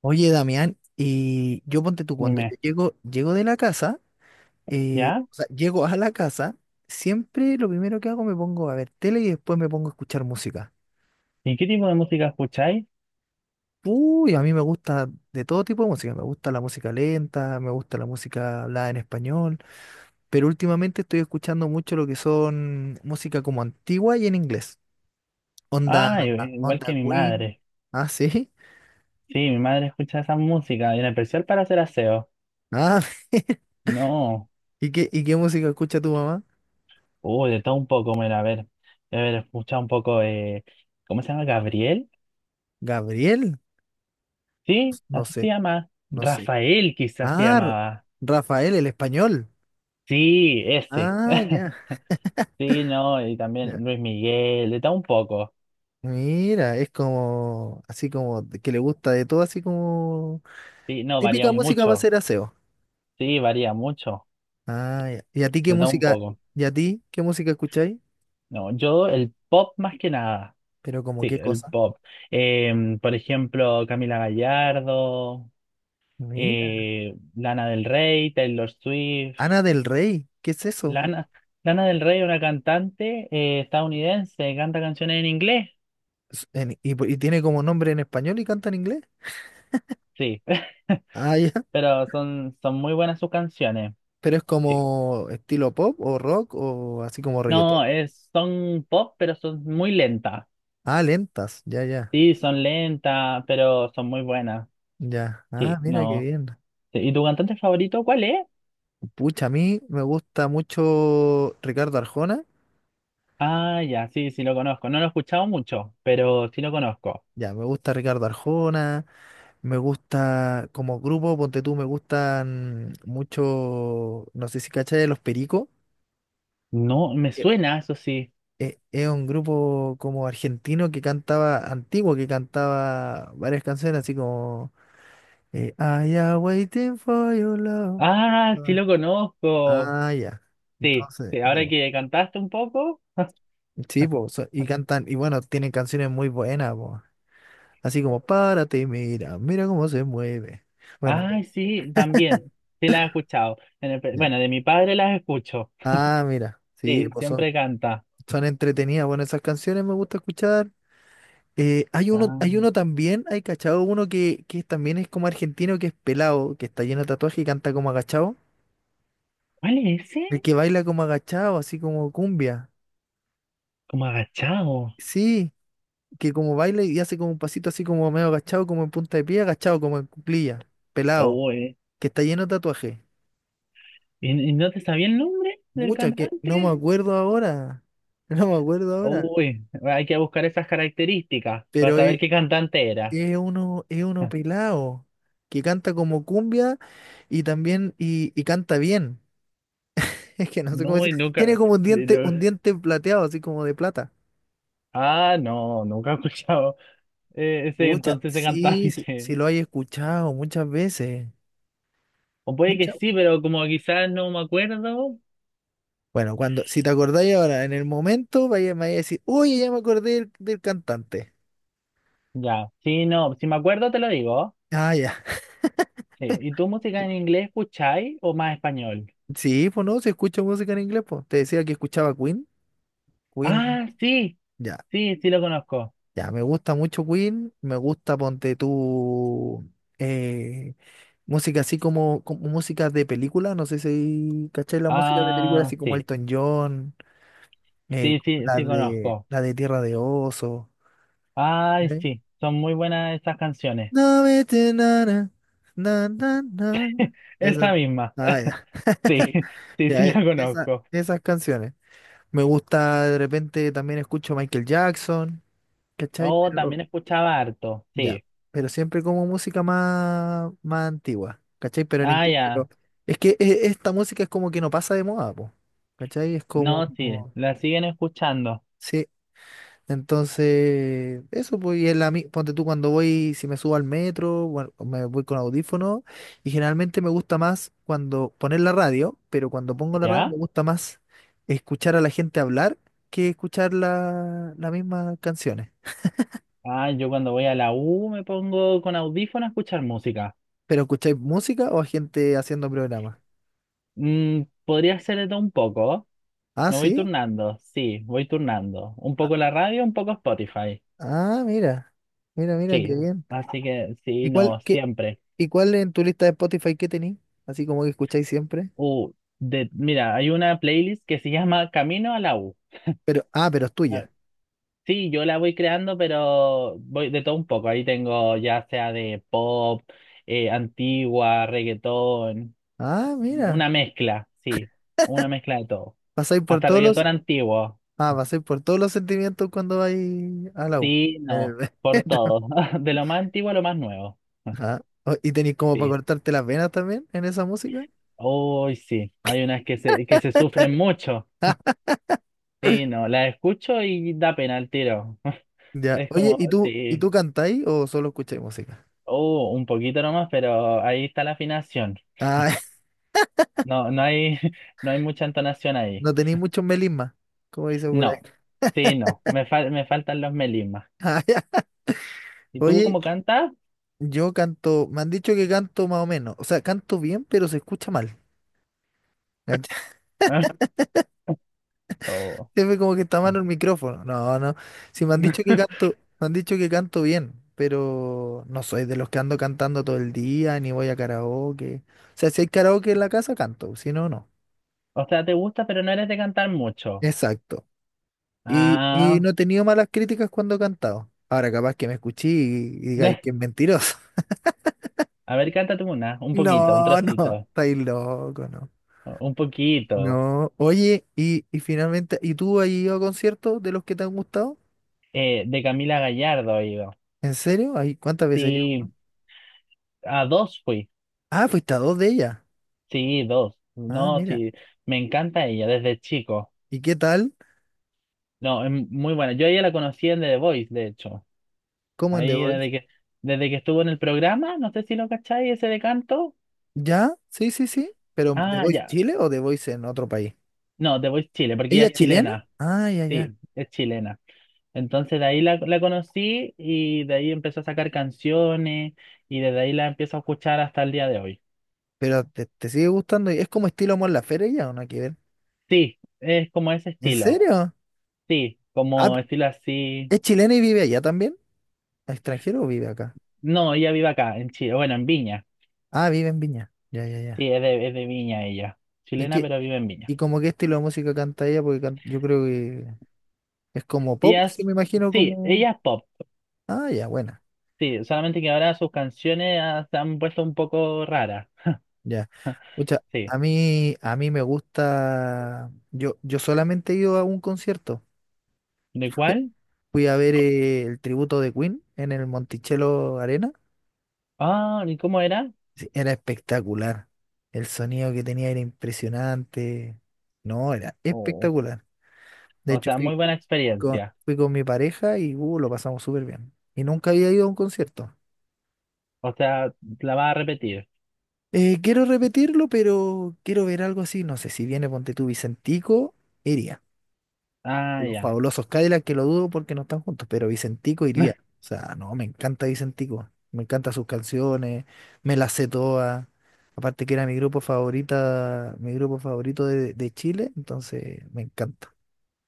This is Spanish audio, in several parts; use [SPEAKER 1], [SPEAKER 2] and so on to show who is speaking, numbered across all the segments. [SPEAKER 1] Oye, Damián, y yo ponte tú, cuando
[SPEAKER 2] Dime,
[SPEAKER 1] yo llego de la casa,
[SPEAKER 2] ¿ya?
[SPEAKER 1] o sea, llego a la casa, siempre lo primero que hago me pongo a ver tele y después me pongo a escuchar música.
[SPEAKER 2] ¿Y qué tipo de música escucháis?
[SPEAKER 1] Uy, a mí me gusta de todo tipo de música, me gusta la música lenta, me gusta la música hablada en español, pero últimamente estoy escuchando mucho lo que son música como antigua y en inglés. Onda,
[SPEAKER 2] Ah, i- Igual que
[SPEAKER 1] onda
[SPEAKER 2] mi
[SPEAKER 1] Queen.
[SPEAKER 2] madre.
[SPEAKER 1] Ah, sí.
[SPEAKER 2] Sí, mi madre escucha esa música, en especial para hacer aseo.
[SPEAKER 1] Ah,
[SPEAKER 2] No,
[SPEAKER 1] ¿Y qué música escucha tu mamá?
[SPEAKER 2] uy, de todo un poco, mira, a ver, escucha un poco, ¿cómo se llama? ¿Gabriel?
[SPEAKER 1] Gabriel.
[SPEAKER 2] Sí,
[SPEAKER 1] No
[SPEAKER 2] así se
[SPEAKER 1] sé,
[SPEAKER 2] llama.
[SPEAKER 1] no sé.
[SPEAKER 2] Rafael quizás se
[SPEAKER 1] Ah,
[SPEAKER 2] llamaba.
[SPEAKER 1] Rafael, el español.
[SPEAKER 2] Sí, ese.
[SPEAKER 1] Ah, ya,
[SPEAKER 2] Sí, no, y
[SPEAKER 1] ya.
[SPEAKER 2] también Luis Miguel, de todo un poco.
[SPEAKER 1] Mira, es como, así como, que le gusta de todo, así como,
[SPEAKER 2] Sí, no, varía
[SPEAKER 1] típica, sí, música para
[SPEAKER 2] mucho.
[SPEAKER 1] hacer aseo.
[SPEAKER 2] Sí, varía mucho,
[SPEAKER 1] Ah, ya. ¿Y a ti qué
[SPEAKER 2] de todo un
[SPEAKER 1] música,
[SPEAKER 2] poco.
[SPEAKER 1] y a ti qué música escucháis?
[SPEAKER 2] No, yo el pop más que nada.
[SPEAKER 1] Pero como
[SPEAKER 2] Sí,
[SPEAKER 1] qué
[SPEAKER 2] el
[SPEAKER 1] cosa.
[SPEAKER 2] pop. Por ejemplo, Camila Gallardo,
[SPEAKER 1] Mira.
[SPEAKER 2] Lana del Rey, Taylor Swift.
[SPEAKER 1] Ana del Rey, ¿qué es eso?
[SPEAKER 2] Lana, Lana del Rey, una cantante estadounidense, canta canciones en inglés.
[SPEAKER 1] Es en- y, po- y tiene como nombre en español y canta en inglés.
[SPEAKER 2] Sí,
[SPEAKER 1] Ah, ya.
[SPEAKER 2] pero son muy buenas sus canciones.
[SPEAKER 1] Pero es
[SPEAKER 2] Sí.
[SPEAKER 1] como estilo pop o rock o así como reggaetón.
[SPEAKER 2] No, es, son pop, pero son muy lentas.
[SPEAKER 1] Ah, lentas, ya, ya,
[SPEAKER 2] Sí, son lentas, pero son muy buenas.
[SPEAKER 1] ya. Ah,
[SPEAKER 2] Sí,
[SPEAKER 1] mira qué
[SPEAKER 2] no.
[SPEAKER 1] bien.
[SPEAKER 2] Sí, ¿y tu cantante favorito cuál es?
[SPEAKER 1] Pucha, a mí me gusta mucho Ricardo Arjona.
[SPEAKER 2] Ah, ya, sí, sí lo conozco. No lo he escuchado mucho, pero sí lo conozco.
[SPEAKER 1] Ya, me gusta Ricardo Arjona. Me gusta como grupo, ponte tú, me gustan mucho, no sé si cachai, Los Pericos.
[SPEAKER 2] No, me
[SPEAKER 1] que
[SPEAKER 2] suena, eso sí.
[SPEAKER 1] Es un grupo como argentino que cantaba, antiguo, que cantaba varias canciones así como I am waiting for your love.
[SPEAKER 2] Ah, sí lo conozco.
[SPEAKER 1] Ah, ya.
[SPEAKER 2] Sí,
[SPEAKER 1] Entonces,
[SPEAKER 2] sí, ahora
[SPEAKER 1] ya.
[SPEAKER 2] que cantaste un poco.
[SPEAKER 1] Sí, po, y cantan, y bueno, tienen canciones muy buenas, po. Así como, párate y mira cómo se mueve. Bueno,
[SPEAKER 2] Ay, sí, también. Sí la he escuchado.
[SPEAKER 1] ya.
[SPEAKER 2] Bueno, de mi padre las escucho.
[SPEAKER 1] Ah, mira, sí,
[SPEAKER 2] Sí,
[SPEAKER 1] pues son,
[SPEAKER 2] siempre canta.
[SPEAKER 1] son entretenidas. Bueno, esas canciones me gusta escuchar. Hay uno,
[SPEAKER 2] Ah,
[SPEAKER 1] también, hay cachado, uno que también es como argentino, que es pelado, que está lleno de tatuaje y canta como agachado.
[SPEAKER 2] ¿cuál es ese?
[SPEAKER 1] El que baila como agachado, así como cumbia.
[SPEAKER 2] Como agachado.
[SPEAKER 1] Sí, que como baila y hace como un pasito así como medio agachado, como en punta de pie, agachado, como en cuclilla, pelado,
[SPEAKER 2] Uy,
[SPEAKER 1] que está lleno de tatuaje.
[SPEAKER 2] ¿y no te sabía el nombre del
[SPEAKER 1] Mucha, que no me
[SPEAKER 2] cantante?
[SPEAKER 1] acuerdo ahora. No me acuerdo ahora.
[SPEAKER 2] Uy, hay que buscar esas características para
[SPEAKER 1] Pero
[SPEAKER 2] saber
[SPEAKER 1] es,
[SPEAKER 2] qué cantante era.
[SPEAKER 1] es uno, es uno pelado que canta como cumbia y también y canta bien. Es que no sé cómo
[SPEAKER 2] No,
[SPEAKER 1] decir.
[SPEAKER 2] y
[SPEAKER 1] Tiene
[SPEAKER 2] nunca.
[SPEAKER 1] como
[SPEAKER 2] de- de-
[SPEAKER 1] un diente plateado, así como de plata.
[SPEAKER 2] Ah, no, nunca he escuchado. Ese
[SPEAKER 1] Muchas,
[SPEAKER 2] Entonces ese
[SPEAKER 1] sí, sí,
[SPEAKER 2] cantante.
[SPEAKER 1] sí lo hay escuchado muchas veces.
[SPEAKER 2] O puede que
[SPEAKER 1] Muchas.
[SPEAKER 2] sí, pero como quizás no me acuerdo.
[SPEAKER 1] Bueno, cuando, si te acordáis ahora, en el momento, vaya, me vaya a decir, oye, ya me acordé del cantante.
[SPEAKER 2] Ya, sí, no, si me acuerdo te lo digo.
[SPEAKER 1] Ah, ya.
[SPEAKER 2] Sí. ¿Y tú música en inglés escucháis o más español?
[SPEAKER 1] Sí, pues no, se escucha música en inglés, pues. Te decía que escuchaba Queen. Queen,
[SPEAKER 2] Ah, sí,
[SPEAKER 1] ya.
[SPEAKER 2] sí, sí lo conozco.
[SPEAKER 1] Ya, me gusta mucho Queen, me gusta, ponte tú, eh, música así como música de película, no sé si cacháis la música de película,
[SPEAKER 2] Ah,
[SPEAKER 1] así como
[SPEAKER 2] sí,
[SPEAKER 1] Elton John, eh,
[SPEAKER 2] sí, sí,
[SPEAKER 1] la
[SPEAKER 2] sí
[SPEAKER 1] de,
[SPEAKER 2] conozco.
[SPEAKER 1] la de Tierra de Oso.
[SPEAKER 2] Ay,
[SPEAKER 1] ¿Eh?
[SPEAKER 2] sí, son muy buenas esas canciones.
[SPEAKER 1] No vete, na, na, na, na, na. Esa,
[SPEAKER 2] Esa misma.
[SPEAKER 1] ah, ya,
[SPEAKER 2] Sí, sí, sí
[SPEAKER 1] ya,
[SPEAKER 2] la conozco.
[SPEAKER 1] esas canciones. Me gusta, de repente también escucho Michael Jackson, ¿cachai?
[SPEAKER 2] Oh,
[SPEAKER 1] Pero,
[SPEAKER 2] también escuchaba harto,
[SPEAKER 1] ya,
[SPEAKER 2] sí.
[SPEAKER 1] pero siempre como música más antigua, ¿cachai? Pero en
[SPEAKER 2] Ah,
[SPEAKER 1] inglés, pero
[SPEAKER 2] ya.
[SPEAKER 1] es que esta música es como que no pasa de moda, po, ¿cachai? Es como,
[SPEAKER 2] No, sí,
[SPEAKER 1] como-
[SPEAKER 2] la siguen escuchando.
[SPEAKER 1] Sí, entonces, eso, pues, ponte tú cuando voy, si me subo al metro, bueno, me voy con audífono, y generalmente me gusta más cuando poner la radio, pero cuando pongo la radio
[SPEAKER 2] ¿Ya?
[SPEAKER 1] me gusta más escuchar a la gente hablar que escuchar las mismas canciones.
[SPEAKER 2] Ah, yo cuando voy a la U me pongo con audífono a escuchar música.
[SPEAKER 1] ¿Pero escucháis música o a gente haciendo programas?
[SPEAKER 2] Mm, podría ser de todo un poco.
[SPEAKER 1] Ah,
[SPEAKER 2] Me voy
[SPEAKER 1] sí.
[SPEAKER 2] turnando, sí, voy turnando. Un poco la radio, un poco Spotify.
[SPEAKER 1] Ah, mira, mira, mira, qué
[SPEAKER 2] Sí,
[SPEAKER 1] bien.
[SPEAKER 2] así que sí,
[SPEAKER 1] ¿Y cuál,
[SPEAKER 2] no,
[SPEAKER 1] qué,
[SPEAKER 2] siempre.
[SPEAKER 1] y cuál en tu lista de Spotify que tenéis? Así como que escucháis siempre.
[SPEAKER 2] Uh, de, mira, hay una playlist que se llama Camino a la U.
[SPEAKER 1] Pero, ah, pero es
[SPEAKER 2] Ah,
[SPEAKER 1] tuya.
[SPEAKER 2] sí, yo la voy creando, pero voy de todo un poco. Ahí tengo ya sea de pop, antigua, reggaetón,
[SPEAKER 1] Ah, mira.
[SPEAKER 2] una mezcla, sí, una mezcla de todo.
[SPEAKER 1] Pasáis por
[SPEAKER 2] Hasta
[SPEAKER 1] todos los,
[SPEAKER 2] reggaetón antiguo,
[SPEAKER 1] Pasáis por todos los sentimientos cuando vais a la U.
[SPEAKER 2] sí,
[SPEAKER 1] En el
[SPEAKER 2] no, por
[SPEAKER 1] metro.
[SPEAKER 2] todo. De lo más antiguo a lo más nuevo,
[SPEAKER 1] Ah, ¿y tenéis como para
[SPEAKER 2] sí.
[SPEAKER 1] cortarte las venas también en esa música?
[SPEAKER 2] Uy, sí, hay unas que se sufren mucho. Sí, no, las escucho y da pena el tiro.
[SPEAKER 1] Ya.
[SPEAKER 2] Es
[SPEAKER 1] Oye,
[SPEAKER 2] como,
[SPEAKER 1] y
[SPEAKER 2] sí,
[SPEAKER 1] tú cantáis o solo escucháis música?
[SPEAKER 2] oh, un poquito nomás, pero ahí está la afinación.
[SPEAKER 1] Ah,
[SPEAKER 2] No, no hay, no hay mucha entonación ahí.
[SPEAKER 1] no tenéis muchos melismas, como dice por ahí.
[SPEAKER 2] No, sí, no. Me faltan los melismas.
[SPEAKER 1] Ah, ya.
[SPEAKER 2] ¿Y tú
[SPEAKER 1] Oye,
[SPEAKER 2] cómo cantas?
[SPEAKER 1] yo canto, me han dicho que canto más o menos. O sea, canto bien, pero se escucha mal. ¿Cachai?
[SPEAKER 2] Ah, oh,
[SPEAKER 1] Se ve como que está malo el micrófono. No, no. Si me han dicho que canto bien, pero no soy de los que ando cantando todo el día, ni voy a karaoke. O sea, si hay karaoke en la casa, canto, si no, no.
[SPEAKER 2] o sea, te gusta, pero no eres de cantar mucho.
[SPEAKER 1] Exacto. Y
[SPEAKER 2] Ah,
[SPEAKER 1] no he tenido malas críticas cuando he cantado. Ahora capaz que me escuché y digáis que es mentiroso.
[SPEAKER 2] a ver, cántate una, un poquito, un
[SPEAKER 1] No, no,
[SPEAKER 2] trocito,
[SPEAKER 1] estáis loco, no.
[SPEAKER 2] un poquito.
[SPEAKER 1] No, oye, y finalmente, ¿y tú has ido a conciertos de los que te han gustado?
[SPEAKER 2] De Camila Gallardo, digo.
[SPEAKER 1] ¿En serio? Ay, ¿cuántas veces has ido?
[SPEAKER 2] Sí, a dos fui.
[SPEAKER 1] Ah, fuiste a dos de ellas.
[SPEAKER 2] Sí, dos.
[SPEAKER 1] Ah,
[SPEAKER 2] No,
[SPEAKER 1] mira.
[SPEAKER 2] sí, me encanta ella desde chico.
[SPEAKER 1] ¿Y qué tal?
[SPEAKER 2] No, es muy buena. Yo a ella la conocí en The Voice, de hecho.
[SPEAKER 1] ¿Cómo en The
[SPEAKER 2] Ahí
[SPEAKER 1] Voice?
[SPEAKER 2] desde que, desde que estuvo en el programa, no sé si lo cacháis, ese de canto.
[SPEAKER 1] ¿Ya? Sí, sí, sí. ¿Pero The
[SPEAKER 2] Ah,
[SPEAKER 1] Voice
[SPEAKER 2] ya.
[SPEAKER 1] Chile o The Voice en otro país?
[SPEAKER 2] No, The Voice Chile, porque
[SPEAKER 1] ¿Ella
[SPEAKER 2] ella
[SPEAKER 1] es
[SPEAKER 2] es
[SPEAKER 1] chilena? Chilena.
[SPEAKER 2] chilena.
[SPEAKER 1] Ah, ya, ya.
[SPEAKER 2] Sí, es chilena. Entonces de ahí la, la conocí y de ahí empezó a sacar canciones y desde ahí la empiezo a escuchar hasta el día de hoy.
[SPEAKER 1] ¿Pero te sigue gustando? ¿Es como estilo Mon Laferte ella o no hay que ver?
[SPEAKER 2] Sí, es como ese
[SPEAKER 1] ¿En
[SPEAKER 2] estilo.
[SPEAKER 1] serio?
[SPEAKER 2] Sí,
[SPEAKER 1] Ah,
[SPEAKER 2] como estilo así.
[SPEAKER 1] ¿es chilena y vive allá también? ¿Extranjero o vive acá?
[SPEAKER 2] No, ella vive acá, en Chile, bueno, en Viña.
[SPEAKER 1] Ah, vive en Viña. Ya, ya,
[SPEAKER 2] Sí,
[SPEAKER 1] ya.
[SPEAKER 2] es de Viña ella.
[SPEAKER 1] ¿Y
[SPEAKER 2] Chilena,
[SPEAKER 1] qué,
[SPEAKER 2] pero vive en Viña.
[SPEAKER 1] y como qué estilo de música canta ella? Porque yo creo que. Es como pop,
[SPEAKER 2] Ella
[SPEAKER 1] sí
[SPEAKER 2] es,
[SPEAKER 1] me imagino
[SPEAKER 2] sí,
[SPEAKER 1] como.
[SPEAKER 2] ella es pop.
[SPEAKER 1] Ah, ya, buena,
[SPEAKER 2] Sí, solamente que ahora sus canciones se han puesto un poco raras.
[SPEAKER 1] ya. Pucha,
[SPEAKER 2] Sí.
[SPEAKER 1] a mí me gusta. Yo solamente he ido a un concierto.
[SPEAKER 2] ¿De cuál?
[SPEAKER 1] Fui a ver el tributo de Queen en el Monticello Arena.
[SPEAKER 2] Ah, ¿y cómo era?
[SPEAKER 1] Sí, era espectacular. El sonido que tenía era impresionante. No, era
[SPEAKER 2] Oh,
[SPEAKER 1] espectacular. De
[SPEAKER 2] o
[SPEAKER 1] hecho,
[SPEAKER 2] sea, muy
[SPEAKER 1] fui
[SPEAKER 2] buena
[SPEAKER 1] con,
[SPEAKER 2] experiencia.
[SPEAKER 1] fui con mi pareja y lo pasamos súper bien. Y nunca había ido a un concierto.
[SPEAKER 2] O sea, la va a repetir.
[SPEAKER 1] Quiero repetirlo, pero quiero ver algo así. No sé, si viene Ponte tú Vicentico, iría.
[SPEAKER 2] Ah,
[SPEAKER 1] Los
[SPEAKER 2] ya.
[SPEAKER 1] Fabulosos Cadillacs que lo dudo porque no están juntos, pero Vicentico iría. O sea, no, me encanta Vicentico. Me encantan sus canciones, me las sé todas. Aparte que era mi grupo favorita, mi grupo favorito de Chile, entonces me encanta.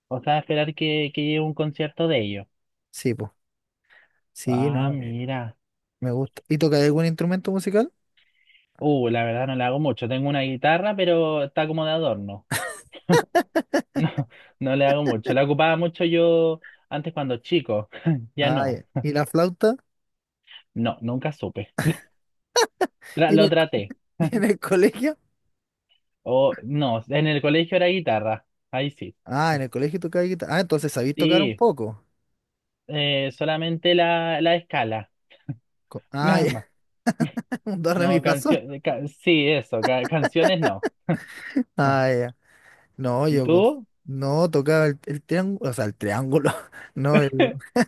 [SPEAKER 2] O sea, esperar que llegue un concierto de ellos.
[SPEAKER 1] Sí, pues. Sí,
[SPEAKER 2] Ah,
[SPEAKER 1] no,
[SPEAKER 2] mira.
[SPEAKER 1] me gusta. ¿Y tocas algún instrumento musical?
[SPEAKER 2] La verdad no le hago mucho. Tengo una guitarra, pero está como de adorno. No, no le hago mucho. La ocupaba mucho yo antes cuando chico. Ya
[SPEAKER 1] Ah,
[SPEAKER 2] no.
[SPEAKER 1] ya. ¿Y la flauta?
[SPEAKER 2] No, nunca supe.
[SPEAKER 1] ¿Y
[SPEAKER 2] Lo traté.
[SPEAKER 1] en el colegio?
[SPEAKER 2] O no, en el colegio era guitarra. Ahí sí.
[SPEAKER 1] Ah, en el colegio tocaba guitarra. Ah, entonces sabéis tocar un
[SPEAKER 2] Sí,
[SPEAKER 1] poco.
[SPEAKER 2] solamente la, la escala.
[SPEAKER 1] Ah,
[SPEAKER 2] Nada
[SPEAKER 1] ya,
[SPEAKER 2] más.
[SPEAKER 1] un do, re, mi,
[SPEAKER 2] No,
[SPEAKER 1] fa, sol.
[SPEAKER 2] canción. Sí, eso. Canciones no. Ah,
[SPEAKER 1] Ah, ya. No,
[SPEAKER 2] ¿y
[SPEAKER 1] yo
[SPEAKER 2] tú?
[SPEAKER 1] no tocaba el triángulo, o sea, el triángulo, no,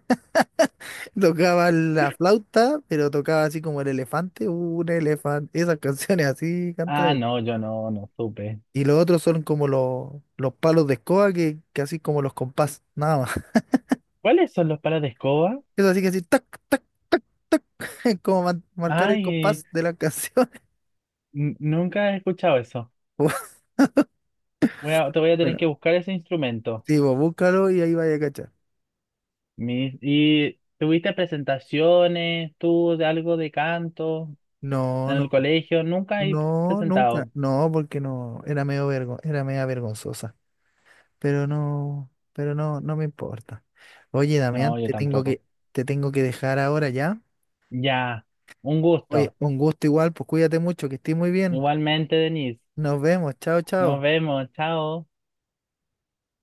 [SPEAKER 1] tocaba la flauta, pero tocaba así como el elefante, un elefante, esas canciones así cantaba
[SPEAKER 2] Ah,
[SPEAKER 1] yo.
[SPEAKER 2] no, yo no, no supe.
[SPEAKER 1] Y los otros son como los palos de escoba que así como los compás, nada más.
[SPEAKER 2] ¿Cuáles son los palos de escoba?
[SPEAKER 1] Eso así que así, tac, tac, como marcar el
[SPEAKER 2] Ay,
[SPEAKER 1] compás de la canción.
[SPEAKER 2] nunca he escuchado eso. Te voy a tener que
[SPEAKER 1] Bueno,
[SPEAKER 2] buscar ese instrumento.
[SPEAKER 1] sí, vos búscalo y ahí vaya a cachar.
[SPEAKER 2] ¿Y tuviste presentaciones, tú, de algo de canto
[SPEAKER 1] No,
[SPEAKER 2] en el
[SPEAKER 1] no.
[SPEAKER 2] colegio? Nunca he
[SPEAKER 1] No, nunca.
[SPEAKER 2] presentado.
[SPEAKER 1] No, porque no, era era media vergonzosa. Pero no, no me importa. Oye, Damián,
[SPEAKER 2] No, yo
[SPEAKER 1] te tengo
[SPEAKER 2] tampoco.
[SPEAKER 1] que, te tengo que dejar ahora ya.
[SPEAKER 2] Ya, un
[SPEAKER 1] Oye,
[SPEAKER 2] gusto.
[SPEAKER 1] un gusto igual, pues cuídate mucho, que estés muy bien.
[SPEAKER 2] Igualmente, Denise.
[SPEAKER 1] Nos vemos, chao,
[SPEAKER 2] Nos
[SPEAKER 1] chao.
[SPEAKER 2] vemos, chao.